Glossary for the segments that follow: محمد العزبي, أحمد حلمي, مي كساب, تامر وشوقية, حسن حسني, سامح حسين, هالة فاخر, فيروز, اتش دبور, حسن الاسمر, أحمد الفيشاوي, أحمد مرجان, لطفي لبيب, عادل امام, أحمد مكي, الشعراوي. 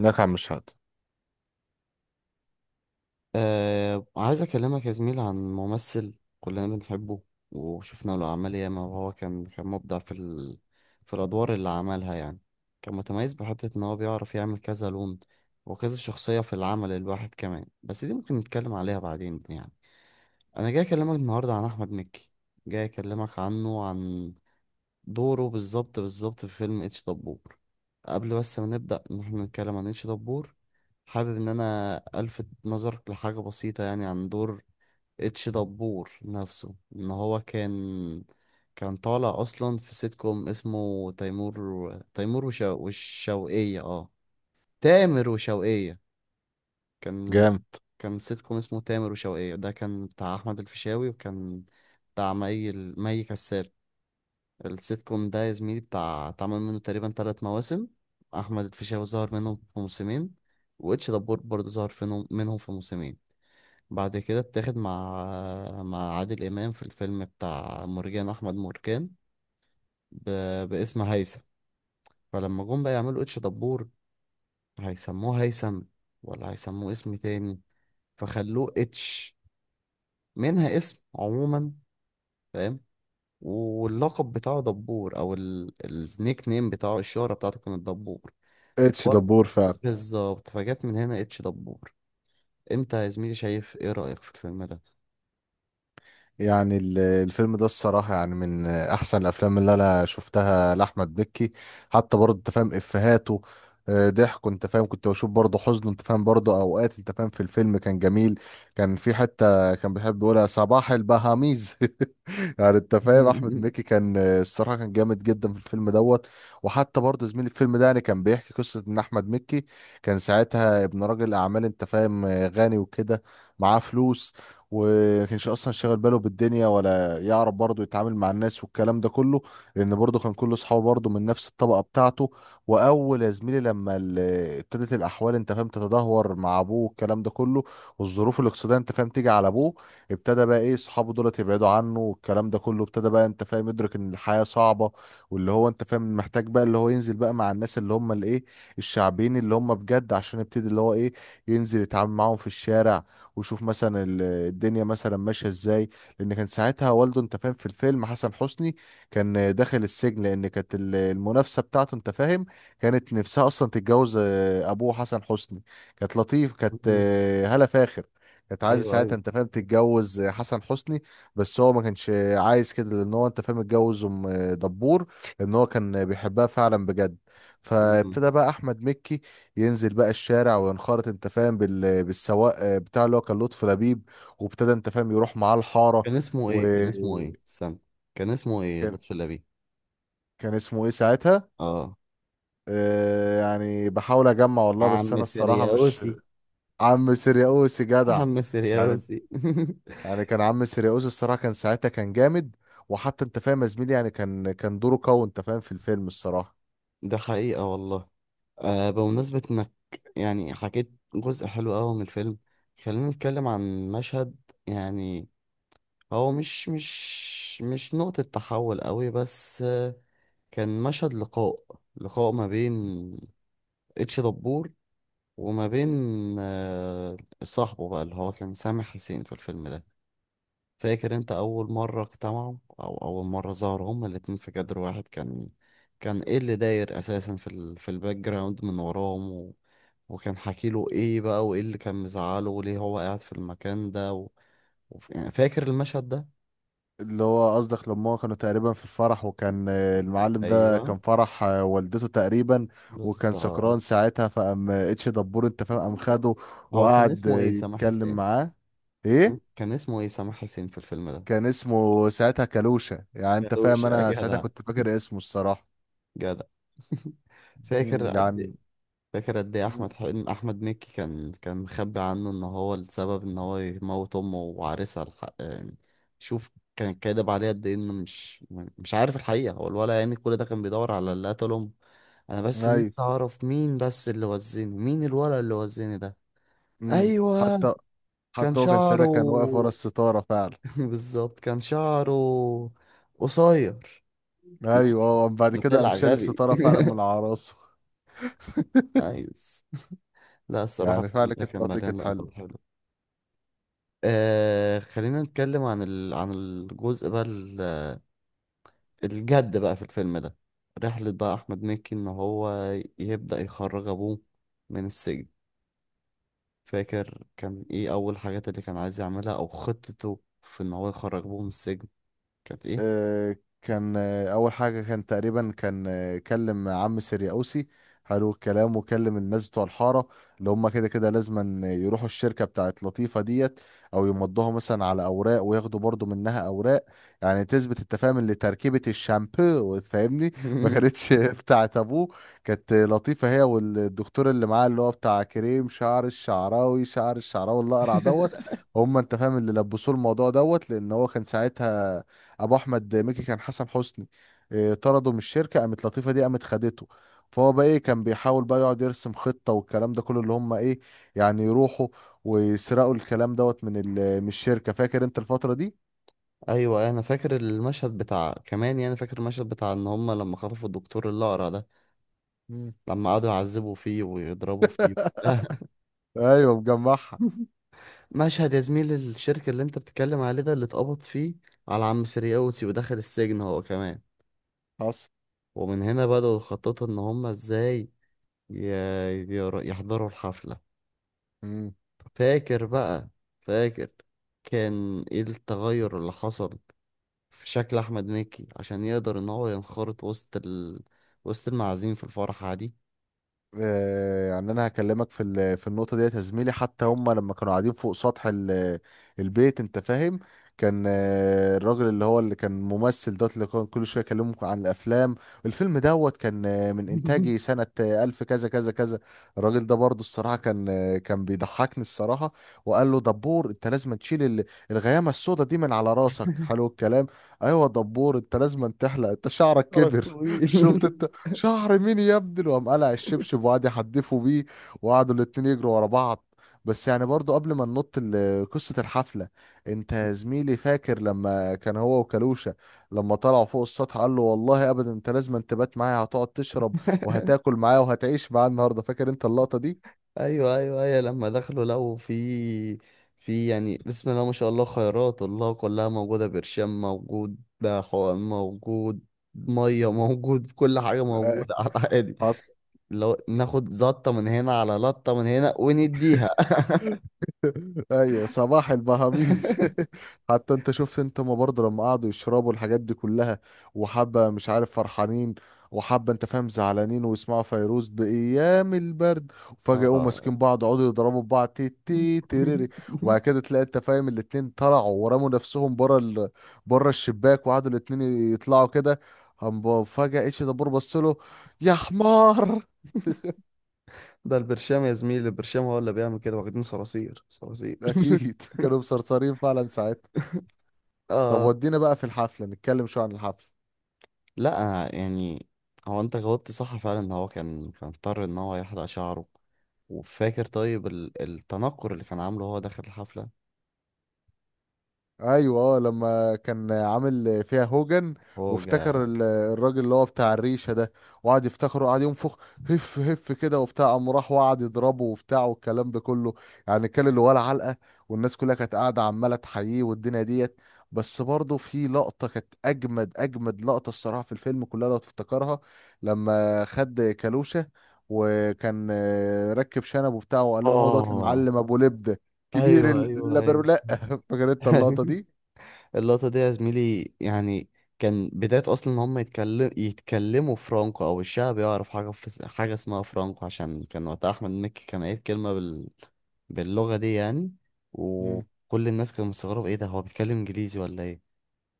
نكع مش هاد. آه، عايز أكلمك يا زميل عن ممثل كلنا بنحبه. وشفنا له أعمال ياما، وهو كان مبدع في في الأدوار اللي عملها يعني. كان متميز بحتة إن هو بيعرف يعمل كذا لون وكذا شخصية في العمل الواحد. كمان بس دي ممكن نتكلم عليها بعدين يعني. أنا جاي أكلمك النهاردة عن أحمد مكي. جاي أكلمك عنه، عن دوره بالظبط بالظبط في فيلم اتش دبور. قبل بس ما نبدأ ان احنا نتكلم عن اتش دبور، حابب ان انا الفت نظرك لحاجة بسيطة يعني، عن دور اتش دبور نفسه. ان هو كان طالع اصلا في سيت كوم اسمه تيمور. تيمور والشوقية، تامر وشوقية. كان جامد. كان سيت كوم اسمه تامر وشوقية. ده كان بتاع احمد الفيشاوي، وكان بتاع مي كساب. السيت كوم ده يا زميلي بتاع اتعمل منه تقريبا 3 مواسم. احمد الفيشاوي ظهر منهم في موسمين، واتش دبور برضه ظهر منهم في موسمين. بعد كده اتاخد مع عادل امام في الفيلم بتاع مرجان احمد مرجان، ب... باسم هيثم. فلما جم بقى يعملوا اتش دبور، هيسموه هيثم ولا هيسموه اسم تاني؟ فخلوه اتش، منها اسم عموما، فاهم. واللقب بتاعه دبور، او النيك نيم بتاعه، الشهرة بتاعته كانت دبور. اتش دبور فعلا. بالظبط، فجت من هنا اتش دبور. انت يا زميلي شايف ايه رأيك في الفيلم ده؟ يعني الفيلم ده الصراحة يعني من أحسن الأفلام اللي أنا شفتها لأحمد مكي. حتى برضه أنت فاهم إفيهاته، ضحكه أنت فاهم، كنت بشوف برضه حزنه أنت فاهم برضه أوقات أنت فاهم، في الفيلم كان جميل. كان في حتة كان بيحب يقولها صباح البهاميز يعني أنت فاهم أحمد مكي كان الصراحة كان جامد جدا في الفيلم دوت. وحتى برضه زميل الفيلم ده يعني كان بيحكي قصة إن أحمد مكي كان ساعتها ابن راجل أعمال أنت فاهم، غني وكده، معاه فلوس، وما كانش اصلا شاغل باله بالدنيا ولا يعرف برضه يتعامل مع الناس والكلام ده كله، لان برضه كان كل اصحابه برضه من نفس الطبقه بتاعته. واول يا زميلي لما ابتدت الاحوال انت فاهم تتدهور مع ابوه والكلام ده كله، والظروف الاقتصاديه انت فاهم تيجي على ابوه، ابتدى بقى ايه اصحابه دولت يبعدوا عنه والكلام ده كله، ابتدى بقى انت فاهم يدرك ان الحياه صعبه، واللي هو انت فاهم محتاج بقى اللي هو ينزل بقى مع الناس اللي هم الايه، الشعبيين اللي هم بجد، عشان يبتدي اللي هو ايه، ينزل يتعامل معاهم في الشارع ويشوف مثلا الدنيا مثلا ماشيه ازاي. لان كان ساعتها والده انت فاهم في الفيلم حسن حسني، كان داخل السجن، لان كانت المنافسه بتاعته انت فاهم كانت نفسها اصلا تتجوز ابوه حسن حسني. كانت لطيف، كانت هالة فاخر، كانت عايزه ايوه، ساعتها ايوه. انت فاهم تتجوز حسن حسني، بس هو ما كانش عايز كده لان هو انت فاهم اتجوز ام دبور، لان هو كان بيحبها فعلا بجد. مم. فابتدى بقى احمد مكي ينزل بقى الشارع وينخرط انت فاهم بالسواق بتاع اللي هو كان لطفي لبيب، وابتدى انت فاهم يروح معاه الحارة. كان اسمه ايه؟ كان اسمه وكان ايه؟ استنى، كان اسمه ايه؟ لطفي لبيب. كان اسمه ايه ساعتها؟ اه. يعني بحاول اجمع والله، بس عم انا الصراحة مش سرياوسي. عم سيرياوس جدع. عم يعني سرياوسي. يعني كان عم سيرياوس الصراحة كان ساعتها كان جامد، وحتى انت فاهم يا زميلي يعني كان دوره قوي انت فاهم في الفيلم الصراحة. ده حقيقة والله. آه، بمناسبة انك يعني حكيت جزء حلو قوي من الفيلم، خلينا نتكلم عن مشهد يعني. هو مش نقطة تحول قوي، بس كان مشهد لقاء ما بين اتش دبور وما بين، آه، صاحبه بقى اللي هو كان سامح حسين في الفيلم ده. فاكر انت اول مرة اجتمعوا، او اول مرة ظهروا هما الاتنين في كادر واحد؟ كان كان ايه اللي داير اساسا في في الباك جراوند من وراهم وكان حكي له ايه بقى، وايه اللي كان مزعله، وليه هو قاعد في المكان ده يعني فاكر المشهد ده؟ اللي هو قصدك لما هو كانوا تقريبا في الفرح، وكان المعلم ده ايوه، كان فرح والدته تقريبا، وكان بالظبط. سكران ساعتها، فقام اتش دبور انت فاهم قام خده هو كان وقعد اسمه ايه سامح يتكلم حسين؟ معاه. كان ايه؟ اسمه ايه سامح حسين في الفيلم ده؟ كان اسمه ساعتها كالوشة، يعني انت كاوش فاهم يا انا ساعتها جدع. كنت فاكر اسمه الصراحة. جدع. فاكر مم، قد ايه؟ يعني. فاكر قد ايه، مم، احمد مكي كان مخبي عنه ان هو السبب ان هو يموت امه وعريسها الحق يعني. شوف، كان كاذب عليه قد ايه، انه مش عارف الحقيقه. هو الولد يعني كل ده كان بيدور على اللي قتل امه. انا بس ايوه. نفسي اعرف مين بس اللي وزني، مين الولد اللي وزني ده. مم. ايوه. حتى كان حتى هو كان شعره ساعتها كان واقف ورا الستارة فعلا. بالظبط كان شعره قصير. ايوه اه، بعد كده قام طلع شال غبي. الستارة فعلا من على راسه. عايز. لا، الصراحة يعني الفيلم فعلا ده كانت كان اللقطة دي مليان كانت لقطات حلوة. حلوة. آه، خلينا نتكلم عن عن الجزء بقى الجد بقى في الفيلم ده. رحلة بقى أحمد مكي إن هو يبدأ يخرج أبوه من السجن. فاكر كان إيه أول حاجات اللي كان عايز يعملها أو خطته في إن هو يخرج أبوه من السجن، كانت إيه؟ آه، كان اول حاجه كان تقريبا كان كلم عم سرياوسي حلو الكلام، وكلم الناس بتوع الحاره اللي هم كده كده لازما يروحوا الشركه بتاعت لطيفه ديت، او يمضوها مثلا على اوراق وياخدوا برضو منها اوراق يعني تثبت انت فاهم اللي تركيبه الشامبو فاهمني ما كانتش بتاعت ابوه. كانت لطيفه هي والدكتور اللي معاه اللي هو بتاع كريم شعر الشعراوي، شعر الشعراوي اللي اقرع دوت. هم انت فاهم اللي لبسوه الموضوع دوت، لان هو كان ساعتها ابو احمد مكي كان حسن حسني، طرده من الشركه، قامت لطيفه دي قامت خدته. فهو بقى ايه كان بيحاول بقى يقعد يرسم خطه والكلام ده كله اللي هم ايه يعني يروحوا ويسرقوا الكلام دوت من من الشركه. فاكر انت الفتره دي؟ أيوة، أنا فاكر المشهد بتاع كمان، يعني فاكر المشهد بتاع إن هما لما خطفوا الدكتور الأقرع ده، مم. لما قعدوا يعذبوا فيه ويضربوا فيه. ايوه مجمعها. مشهد، يا زميلي الشركة اللي انت بتتكلم عليه ده اللي اتقبض فيه على عم سرياوتي ودخل السجن هو كمان. حصل. ومن هنا بدأوا يخططوا ان هما ازاي يحضروا الحفلة. مم. فاكر بقى؟ فاكر كان ايه التغير اللي حصل في شكل احمد مكي عشان يقدر ان هو ينخرط وسط وسط المعازيم في الفرحة دي؟ يعني انا هكلمك في في النقطه ديت يا زميلي. حتى هم لما كانوا قاعدين فوق سطح البيت انت فاهم، كان الراجل اللي هو اللي كان ممثل دوت اللي كان كل شويه يكلمهم عن الافلام. الفيلم دوت كان من انتاجي سنه الف كذا كذا كذا. الراجل ده برضو الصراحه كان كان بيضحكني الصراحه. وقال له: دبور، انت لازم تشيل الغيامه السوداء دي من على راسك، حلو الكلام. ايوه دبور، انت لازم تحلق انت شعرك فرق كبر طويل. شفت انت شهر مين يا ابني، وقام قلع الشبشب وقعد يحدفوا بيه، وقعدوا الاتنين يجروا ورا بعض. بس يعني برضو قبل ما ننط قصة الحفلة، انت يا زميلي فاكر لما كان هو وكالوشة لما طلعوا فوق السطح، قال له: والله ابدا انت لازم أن تبات معايا، هتقعد تشرب وهتاكل معايا وهتعيش معايا النهارده، فاكر انت اللقطة دي؟ ايوه، ايوه، ايوه. لما دخلوا لقوا في يعني بسم الله ما شاء الله، خيرات الله كلها موجوده، برشام موجود، ده حقن موجود، ميه موجود. كل حاجه موجوده على عادي. حصل. لو ناخد زطه من هنا، على لطه من هنا ونديها. ايوه صباح البهاميز. حتى انت شفت انت ما برضه لما قعدوا يشربوا الحاجات دي كلها، وحبه مش عارف فرحانين وحبه انت فاهم زعلانين، ويسمعوا فيروز بايام البرد، وفجاه يقوموا اه، ماسكين بعض يقعدوا يضربوا في بعض تي تي تيريري، وبعد كده تلاقي انت فاهم الاتنين طلعوا ورموا نفسهم بره بره الشباك، وقعدوا الاتنين يطلعوا كده، هم فجاه اتش دبور بص له يا حمار. ده البرشام يا زميلي. البرشام هو اللي بيعمل كده، واخدين صراصير صراصير. اكيد كانوا مسرسرين فعلا ساعتها. طب آه، ودينا بقى في الحفله، نتكلم شويه عن الحفله. لا يعني، هو انت جاوبت صح فعلا ان هو كان اضطر ان هو يحلق شعره. وفاكر طيب التنكر اللي كان عامله هو داخل الحفلة؟ ايوه اه، لما كان عامل فيها هوجن، هو جا. وافتكر الراجل اللي هو بتاع الريشه ده، وقعد يفتخره وقعد ينفخ هف هف كده وبتاع، قام راح وقعد يضربه وبتاع والكلام ده كله، يعني كان اللي ولا علقه، والناس كلها كانت قاعده عماله تحييه والدنيا ديت. بس برضه في لقطه كانت اجمد اجمد لقطه الصراحه في الفيلم كلها لو تفتكرها: لما خد كالوشه وكان ركب شنب وبتاع، وقال لهم هو دوت اه، المعلم ابو لبده كبير ايوه، ايوه، ايوه. اللبرولات. فاكر انت اللقطه دي؟ اللقطة دي يا زميلي يعني كان بداية أصلا إن هم يتكلموا فرانكو، أو الشعب يعرف حاجة في حاجة اسمها فرانكو. عشان كان وقتها أحمد مكي كان قايل كلمة باللغة دي يعني، مم. وكل الناس كانوا مستغربة، إيه ده، هو بيتكلم إنجليزي ولا إيه؟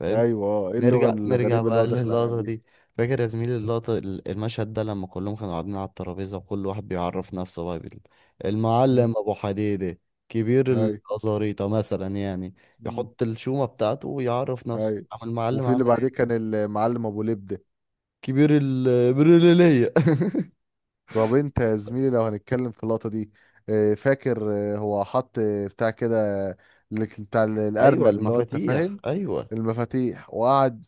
فاهم. ايوه اه، ايه اللغه نرجع نرجع الغريبه اللي هو بقى داخل عليها للقطة دي. دي. فاكر يا زميلي اللقطة، المشهد ده لما كلهم كانوا قاعدين على الترابيزة، وكل واحد بيعرف نفسه بقى مم. المعلم أبو حديدة، كبير ايوه. الأزاريطة مثلا يعني. مم. يحط الشومة بتاعته ويعرف نفسه، ايوه، عم المعلم وفي اللي عامل بعديه كان ايه. المعلم ابو لبده. كبير البريلية. طب انت يا زميلي لو هنتكلم في اللقطه دي، فاكر هو حط بتاع كده بتاع أيوة، الارنب اللي هو انت المفاتيح، فاهم أيوة. المفاتيح. وقعد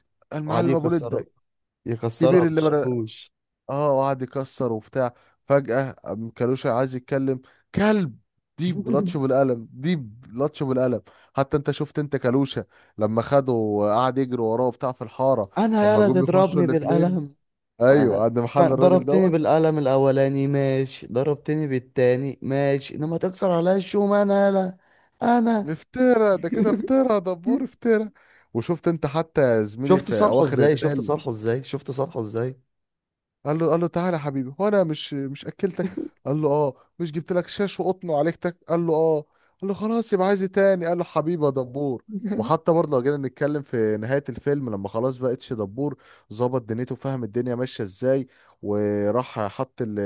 وقعد المعلم ابو لبده يكسرها كبير اللي بالشاكوش. اه وقعد يكسر وبتاع، فجأة قام كالوشا عايز يتكلم كلب، دي بلطشه بالقلم، دي بلطشه بالقلم. حتى انت شفت انت كالوشا لما خده وقعد يجري وراه وبتاع في الحارة. أنا لما يالا جم يخشوا تضربني الاتنين، بالقلم. ايوه انا عند محل كان الراجل ضربتني دوت، بالقلم الاولاني ماشي، ضربتني بالتاني ماشي، انما تكسر عليا الشوم انا لا. انا. افترى ده كده، افترى دبور افترى. وشفت انت حتى زميلي شفت في صالحه اواخر ازاي، شفت الفيلم، صالحه ازاي، شفت صالحه ازاي. قال له: تعالى يا حبيبي، هو انا مش اكلتك، قال له اه، مش جبت لك شاش وقطن وعليكتك، قال له اه، قال له خلاص يبقى عايز إيه تاني، قال له حبيبي يا دبور. وحتى برضه لو جينا نتكلم في نهاية الفيلم، لما خلاص بقى اتش دبور ظبط دنيته فاهم الدنيا ماشية ازاي، وراح حط ال-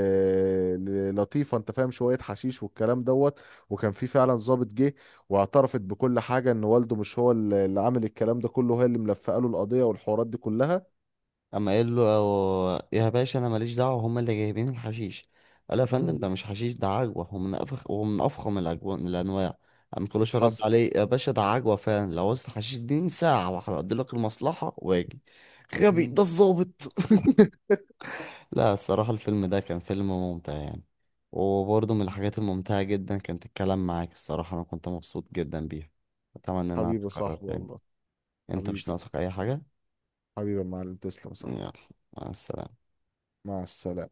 ال- لطيفة انت فاهم شوية حشيش والكلام دوت، وكان في فعلا ظابط جه، واعترفت بكل حاجة ان والده مش هو اللي عامل الكلام ده كله، هي اللي ملفقه له القضية والحوارات دي كلها. اما قال له، يا باشا انا ماليش دعوه هم اللي جايبين الحشيش. قال له يا فندم، مم. ده مش حشيش ده عجوه، هو من افخم الاجوان الانواع. قام كلوش رد حصل. عليه، يا باشا ده عجوه فعلا، لو عاوزت حشيش اديني ساعه واحده اقضي لك المصلحه واجي. غبي مم. ده الظابط. لا، الصراحة الفيلم ده كان فيلم ممتع يعني. وبرضه من الحاجات الممتعة جدا كانت الكلام معاك، الصراحة أنا كنت مبسوط جدا بيها، أتمنى إنها حبيبي يا تتكرر صاحبي تاني. والله. أنت مش حبيبي، ناقصك أي حاجة؟ حبيبي يا معلم، تسلم صح. يلا، مع السلامة. مع السلامة.